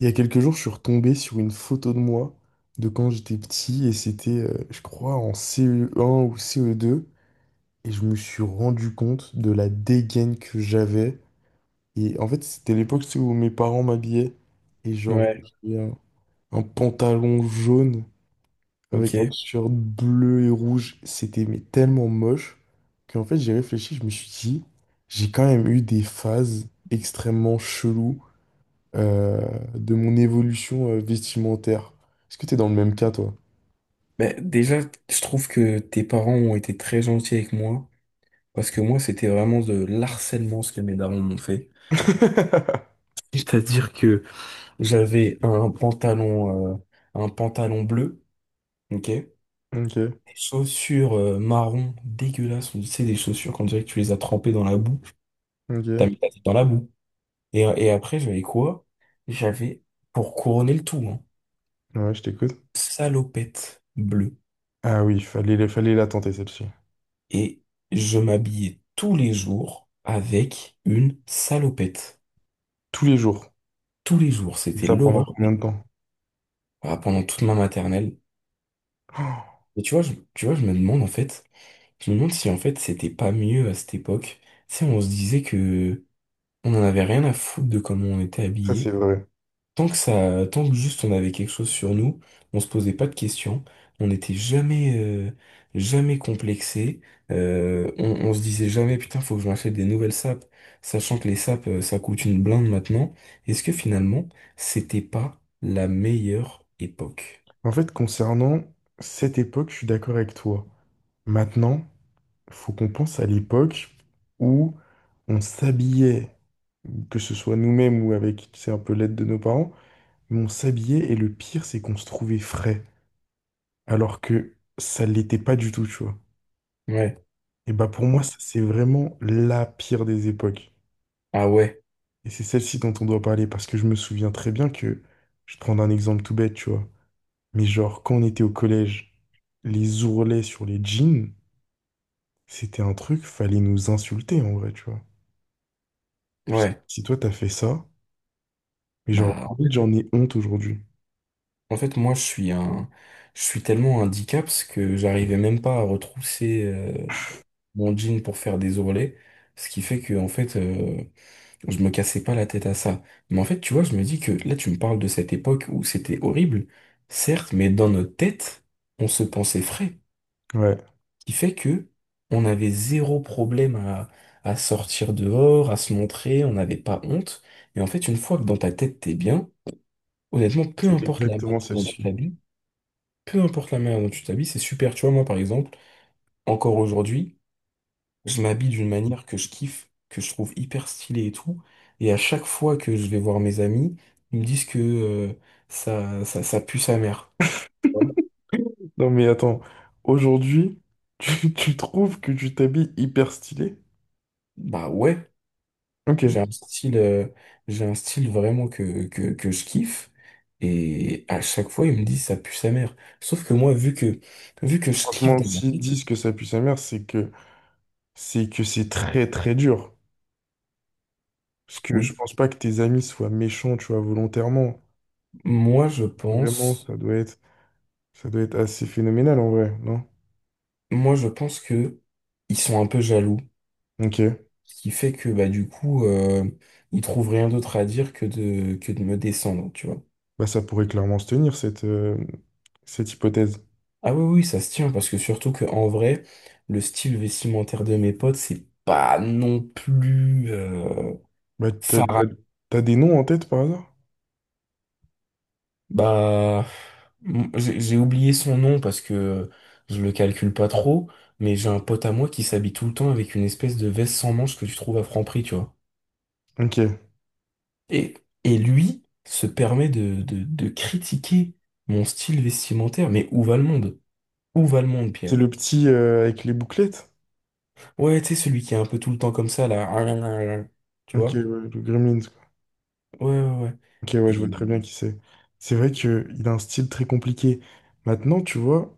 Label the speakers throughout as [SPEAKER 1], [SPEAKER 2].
[SPEAKER 1] Il y a quelques jours, je suis retombé sur une photo de moi de quand j'étais petit et c'était, je crois, en CE1 ou CE2. Et je me suis rendu compte de la dégaine que j'avais. Et en fait, c'était l'époque tu sais, où mes parents m'habillaient et genre
[SPEAKER 2] Ouais.
[SPEAKER 1] j'avais un pantalon jaune avec un
[SPEAKER 2] Ok.
[SPEAKER 1] t-shirt bleu et rouge, c'était mais tellement moche qu'en fait, j'ai réfléchi, je me suis dit, j'ai quand même eu des phases extrêmement cheloues euh, de mon évolution vestimentaire. Est-ce que t'es dans le même cas, toi?
[SPEAKER 2] Ben, déjà, je trouve que tes parents ont été très gentils avec moi, parce que moi, c'était vraiment de l'harcèlement ce que mes darons m'ont fait. C'est-à-dire que j'avais un pantalon bleu, ok? Des
[SPEAKER 1] Ok,
[SPEAKER 2] chaussures marron dégueulasses, ou tu sais, des chaussures qu'on dirait que tu les as trempées dans la boue. T'as
[SPEAKER 1] ok.
[SPEAKER 2] mis ta tête dans la boue. Et après, j'avais quoi? J'avais, pour couronner le tout, hein,
[SPEAKER 1] Ouais, je t'écoute.
[SPEAKER 2] salopette bleue.
[SPEAKER 1] Ah oui, fallait la tenter, celle-ci.
[SPEAKER 2] Et je m'habillais tous les jours avec une salopette.
[SPEAKER 1] Tous les jours.
[SPEAKER 2] Tous les jours,
[SPEAKER 1] Et
[SPEAKER 2] c'était
[SPEAKER 1] ça pendant
[SPEAKER 2] l'horreur, mais
[SPEAKER 1] combien de temps?
[SPEAKER 2] ah, pendant toute ma maternelle.
[SPEAKER 1] Oh,
[SPEAKER 2] Et tu vois, tu vois, je me demande en fait, je me demande si en fait c'était pas mieux à cette époque. Tu sais, on se disait que on en avait rien à foutre de comment on était
[SPEAKER 1] ça, c'est
[SPEAKER 2] habillé.
[SPEAKER 1] vrai.
[SPEAKER 2] Tant que ça, tant que juste on avait quelque chose sur nous, on se posait pas de questions, on n'était jamais, jamais complexé, on se disait jamais putain faut que je m'achète des nouvelles sapes, sachant que les sapes ça coûte une blinde maintenant. Est-ce que finalement c'était pas la meilleure époque?
[SPEAKER 1] En fait, concernant cette époque, je suis d'accord avec toi. Maintenant, faut qu'on pense à l'époque où on s'habillait, que ce soit nous-mêmes ou avec, tu sais, un peu l'aide de nos parents, mais on s'habillait et le pire, c'est qu'on se trouvait frais, alors que ça l'était pas du tout, tu vois.
[SPEAKER 2] Ouais.
[SPEAKER 1] Et bah pour moi, ça, c'est vraiment la pire des époques.
[SPEAKER 2] Ah ouais,
[SPEAKER 1] Et c'est celle-ci dont on doit parler, parce que je me souviens très bien que, je vais te prendre un exemple tout bête, tu vois, mais genre quand on était au collège, les ourlets sur les jeans, c'était un truc, fallait nous insulter en vrai, tu vois. Je sais pas
[SPEAKER 2] ouais.
[SPEAKER 1] si toi t'as fait ça, mais genre,
[SPEAKER 2] Bah
[SPEAKER 1] limite, j'en ai honte aujourd'hui.
[SPEAKER 2] en fait moi je suis un, je suis tellement un dicaps que j'arrivais même pas à retrousser mon jean pour faire des ourlets, ce qui fait que en fait je me cassais pas la tête à ça. Mais en fait, tu vois, je me dis que là, tu me parles de cette époque où c'était horrible, certes, mais dans notre tête, on se pensait frais,
[SPEAKER 1] Ouais,
[SPEAKER 2] qui fait que on avait zéro problème à sortir dehors, à se montrer, on n'avait pas honte. Et en fait, une fois que dans ta tête, t'es bien, honnêtement,
[SPEAKER 1] c'est exactement celle-ci.
[SPEAKER 2] peu importe la manière dont tu t'habilles, c'est super. Tu vois, moi, par exemple, encore aujourd'hui, je m'habille d'une manière que je kiffe, que je trouve hyper stylée et tout. Et à chaque fois que je vais voir mes amis, ils me disent que ça pue sa mère. Hein.
[SPEAKER 1] Non mais attends, aujourd'hui, tu trouves que tu t'habilles hyper stylé?
[SPEAKER 2] Bah ouais, j'ai
[SPEAKER 1] Ok.
[SPEAKER 2] un style, euh, j'ai un style vraiment que je kiffe. Et à chaque fois, ils me disent ça pue sa mère. Sauf que moi, vu que je kiffe
[SPEAKER 1] Franchement,
[SPEAKER 2] de la
[SPEAKER 1] s'ils
[SPEAKER 2] vie,
[SPEAKER 1] disent que ça pue sa mère, c'est que c'est très très dur. Parce que je
[SPEAKER 2] oui,
[SPEAKER 1] pense pas que tes amis soient méchants, tu vois, volontairement.
[SPEAKER 2] moi je
[SPEAKER 1] Vraiment,
[SPEAKER 2] pense,
[SPEAKER 1] ça doit être assez phénoménal en vrai, non?
[SPEAKER 2] moi je pense que ils sont un peu jaloux.
[SPEAKER 1] Ok.
[SPEAKER 2] Ce qui fait que bah du coup, il trouve rien d'autre à dire que de me descendre, tu vois.
[SPEAKER 1] Bah ça pourrait clairement se tenir cette, cette hypothèse.
[SPEAKER 2] Ah oui, oui, ça se tient, parce que surtout que en vrai, le style vestimentaire de mes potes, c'est pas non plus
[SPEAKER 1] Bah
[SPEAKER 2] phara-
[SPEAKER 1] t'as des noms en tête par hasard?
[SPEAKER 2] Bah, j'ai oublié son nom parce que je le calcule pas trop, mais j'ai un pote à moi qui s'habille tout le temps avec une espèce de veste sans manches que tu trouves à Franprix, tu vois.
[SPEAKER 1] Ok.
[SPEAKER 2] Et, et lui se permet de critiquer mon style vestimentaire, mais où va le monde? Où va le monde,
[SPEAKER 1] C'est
[SPEAKER 2] Pierre?
[SPEAKER 1] le petit avec les bouclettes?
[SPEAKER 2] Ouais, tu sais, celui qui est un peu tout le temps comme ça, là. Tu
[SPEAKER 1] Ok, ouais,
[SPEAKER 2] vois?
[SPEAKER 1] le Gremlins, quoi.
[SPEAKER 2] Ouais, ouais, ouais.
[SPEAKER 1] Ok, ouais, je vois
[SPEAKER 2] Et-
[SPEAKER 1] très bien qui c'est. C'est vrai que il a un style très compliqué. Maintenant, tu vois.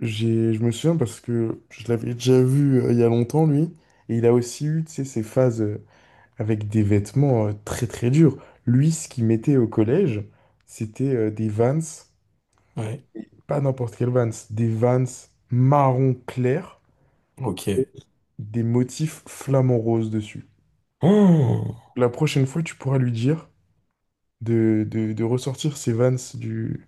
[SPEAKER 1] Je me souviens parce que je l'avais déjà vu il y a longtemps, lui, et il a aussi eu, tu sais, ses phases avec des vêtements très très durs. Lui, ce qu'il mettait au collège, c'était des Vans,
[SPEAKER 2] Ouais,
[SPEAKER 1] et pas n'importe quel Vans, des Vans marron clair,
[SPEAKER 2] ok.
[SPEAKER 1] des motifs flamants roses dessus.
[SPEAKER 2] Oh.
[SPEAKER 1] La prochaine fois, tu pourras lui dire de ressortir ces Vans du…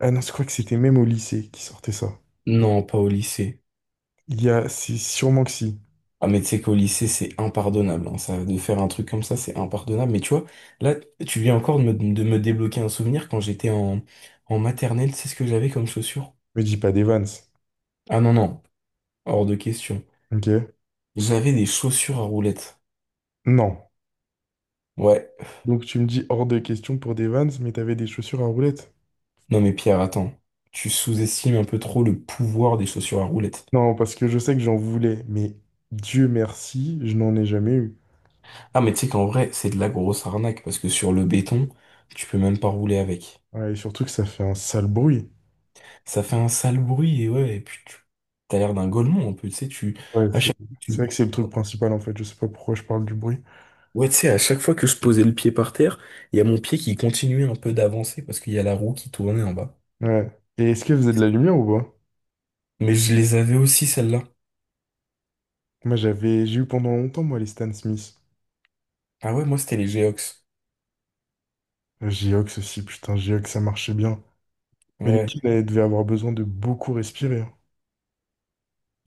[SPEAKER 1] Ah non, je crois que c'était même au lycée qui sortait ça.
[SPEAKER 2] Non, pas au lycée.
[SPEAKER 1] Il y a, c'est sûrement que si.
[SPEAKER 2] Ah, mais tu sais qu'au lycée, c'est impardonnable. Hein, ça, de faire un truc comme ça, c'est impardonnable. Mais tu vois, là, tu viens encore de de me débloquer un souvenir quand j'étais en maternelle. C'est ce que j'avais comme chaussures?
[SPEAKER 1] Mais dis pas des Vans,
[SPEAKER 2] Ah non, non, hors de question.
[SPEAKER 1] ok?
[SPEAKER 2] J'avais des chaussures à roulettes.
[SPEAKER 1] Non.
[SPEAKER 2] Ouais.
[SPEAKER 1] Donc tu me dis hors de question pour des Vans, mais t'avais des chaussures à roulettes.
[SPEAKER 2] Non, mais Pierre, attends. Tu sous-estimes un peu trop le pouvoir des chaussures à roulettes.
[SPEAKER 1] Non, parce que je sais que j'en voulais, mais Dieu merci, je n'en ai jamais eu.
[SPEAKER 2] Ah, mais tu sais qu'en vrai, c'est de la grosse arnaque parce que sur le béton, tu peux même pas rouler avec.
[SPEAKER 1] Ouais, et surtout que ça fait un sale bruit.
[SPEAKER 2] Ça fait un sale bruit et ouais, et puis tu t'as l'air d'un golemon un peu, tu sais, tu,
[SPEAKER 1] Ouais,
[SPEAKER 2] à chaque,
[SPEAKER 1] c'est vrai
[SPEAKER 2] tu,
[SPEAKER 1] que c'est le truc principal en fait, je sais pas pourquoi je parle du bruit.
[SPEAKER 2] ouais, tu sais, à chaque fois que je posais le pied par terre, il y a mon pied qui continuait un peu d'avancer parce qu'il y a la roue qui tournait en bas.
[SPEAKER 1] Ouais. Et est-ce que vous avez de la lumière ou pas?
[SPEAKER 2] Mais je les avais aussi, celles-là.
[SPEAKER 1] Moi j'ai eu pendant longtemps moi les Stan Smith.
[SPEAKER 2] Ah ouais, moi, c'était les Geox.
[SPEAKER 1] Geox aussi, putain, Geox ça marchait bien. Mais les
[SPEAKER 2] Ouais.
[SPEAKER 1] kids, elles devaient avoir besoin de beaucoup respirer, hein.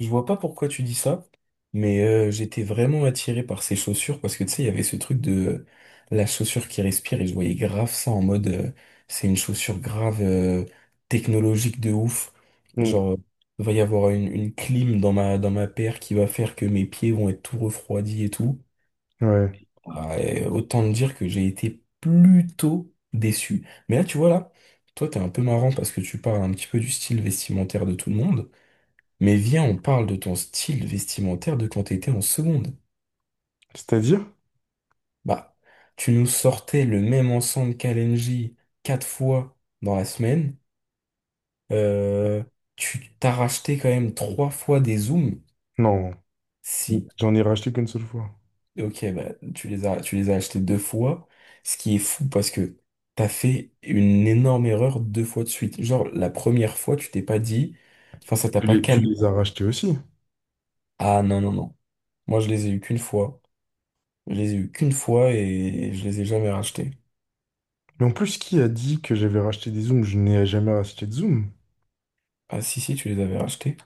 [SPEAKER 2] Je vois pas pourquoi tu dis ça, mais j'étais vraiment attiré par ces chaussures parce que tu sais, il y avait ce truc de la chaussure qui respire et je voyais grave ça en mode c'est une chaussure grave technologique de ouf.
[SPEAKER 1] Mm.
[SPEAKER 2] Genre, il va y avoir une clim dans dans ma paire qui va faire que mes pieds vont être tout refroidis et tout.
[SPEAKER 1] Ouais.
[SPEAKER 2] Ah, et autant te dire que j'ai été plutôt déçu. Mais là, tu vois, là, toi, t'es un peu marrant parce que tu parles un petit peu du style vestimentaire de tout le monde. Mais viens, on parle de ton style vestimentaire de quand t'étais en seconde.
[SPEAKER 1] C'est-à-dire?
[SPEAKER 2] Bah, tu nous sortais le même ensemble qu'Alenji quatre fois dans la semaine. Euh, tu t'as racheté quand même trois fois des zooms.
[SPEAKER 1] Non,
[SPEAKER 2] Si,
[SPEAKER 1] j'en ai racheté qu'une seule fois.
[SPEAKER 2] ok, bah, tu les as achetés deux fois. Ce qui est fou parce que t'as fait une énorme erreur deux fois de suite. Genre, la première fois, tu t'es pas dit, enfin, ça t'a pas
[SPEAKER 1] Tu
[SPEAKER 2] calmé.
[SPEAKER 1] les as rachetés aussi.
[SPEAKER 2] Ah non, non, non. Moi, je les ai eu qu'une fois. Je les ai eu qu'une fois et je les ai jamais rachetés.
[SPEAKER 1] Mais en plus, qui a dit que j'avais racheté des zooms? Je n'ai jamais racheté de zoom.
[SPEAKER 2] Ah si, si, tu les avais rachetés.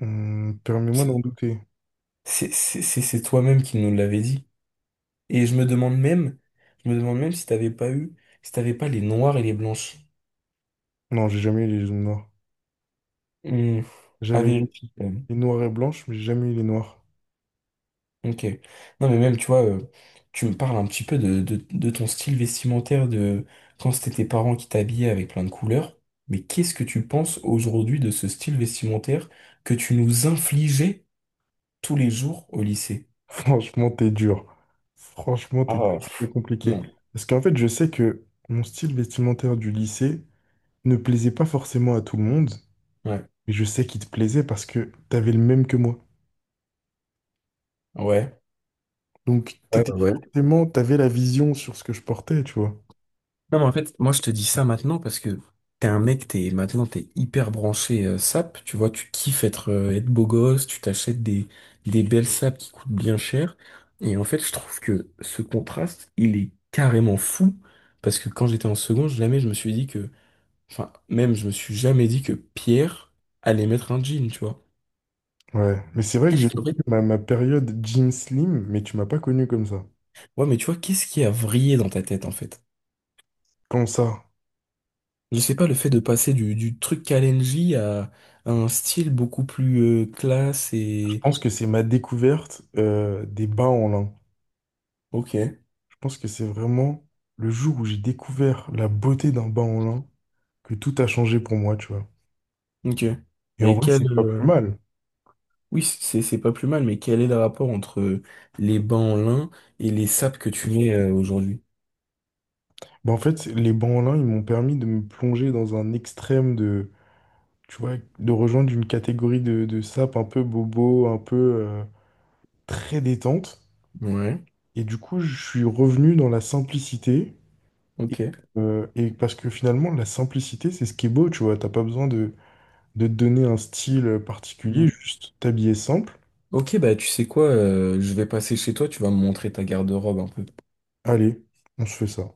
[SPEAKER 1] Permets-moi
[SPEAKER 2] C'est
[SPEAKER 1] d'en douter.
[SPEAKER 2] c'est toi-même qui nous l'avais dit. Et je me demande même si t'avais pas eu, si t'avais pas les noirs et les blanches.
[SPEAKER 1] Non, j'ai jamais eu les zooms noirs.
[SPEAKER 2] Hmm, à
[SPEAKER 1] J'avais
[SPEAKER 2] vérifier quand même.
[SPEAKER 1] les noirs et blanches, mais j'ai jamais eu les noirs.
[SPEAKER 2] Ok. Non mais même, tu vois, tu me parles un petit peu de ton style vestimentaire de quand c'était tes parents qui t'habillaient avec plein de couleurs. Mais qu'est-ce que tu penses aujourd'hui de ce style vestimentaire que tu nous infligeais tous les jours au lycée?
[SPEAKER 1] Franchement, t'es dur. Franchement, t'es très
[SPEAKER 2] Oh,
[SPEAKER 1] très
[SPEAKER 2] pff,
[SPEAKER 1] compliqué.
[SPEAKER 2] non.
[SPEAKER 1] Parce qu'en fait, je sais que mon style vestimentaire du lycée ne plaisait pas forcément à tout le monde,
[SPEAKER 2] Ouais.
[SPEAKER 1] mais je sais qu'il te plaisait parce que t'avais le même que moi.
[SPEAKER 2] Ouais.
[SPEAKER 1] Donc,
[SPEAKER 2] Ouais,
[SPEAKER 1] t'étais
[SPEAKER 2] ouais, ouais.
[SPEAKER 1] forcément, t'avais la vision sur ce que je portais, tu vois.
[SPEAKER 2] Non, mais en fait, moi, je te dis ça maintenant parce que t'es un mec, t'es, maintenant, t'es hyper branché sap. Tu vois, tu kiffes être, être beau gosse, des belles sapes qui coûtent bien cher. Et en fait, je trouve que ce contraste, il est carrément fou parce que quand j'étais en seconde, jamais je me suis dit que, enfin, même, je me suis jamais dit que Pierre allait mettre un jean, tu vois.
[SPEAKER 1] Ouais, mais c'est vrai que j'ai
[SPEAKER 2] Qu'est-ce
[SPEAKER 1] aussi
[SPEAKER 2] qui...
[SPEAKER 1] ma période Jim Slim, mais tu m'as pas connu comme ça.
[SPEAKER 2] Ouais, mais tu vois, qu'est-ce qui a vrillé dans ta tête, en fait?
[SPEAKER 1] Comme ça.
[SPEAKER 2] Je sais pas, le fait de passer du truc Kalenji à un style beaucoup plus classe
[SPEAKER 1] Je
[SPEAKER 2] et...
[SPEAKER 1] pense que c'est ma découverte des bas en lin.
[SPEAKER 2] Ok,
[SPEAKER 1] Je pense que c'est vraiment le jour où j'ai découvert la beauté d'un bas en lin que tout a changé pour moi, tu vois.
[SPEAKER 2] ok.
[SPEAKER 1] Et en
[SPEAKER 2] Mais
[SPEAKER 1] vrai,
[SPEAKER 2] quel...
[SPEAKER 1] c'est pas plus mal.
[SPEAKER 2] oui, c'est pas plus mal, mais quel est le rapport entre les bancs en lin et les sapes que tu mets aujourd'hui?
[SPEAKER 1] Bah, en fait, les bas en lin, ils m'ont permis de me plonger dans un extrême de, tu vois, de rejoindre une catégorie de sapes un peu bobo, un peu très détente.
[SPEAKER 2] Ouais,
[SPEAKER 1] Et du coup, je suis revenu dans la simplicité. Et,
[SPEAKER 2] ok.
[SPEAKER 1] et parce que finalement, la simplicité, c'est ce qui est beau, tu vois. T'as pas besoin de te donner un style particulier,
[SPEAKER 2] Ouais.
[SPEAKER 1] juste t'habiller simple.
[SPEAKER 2] Ok, bah tu sais quoi, je vais passer chez toi, tu vas me montrer ta garde-robe un peu.
[SPEAKER 1] Allez, on se fait ça.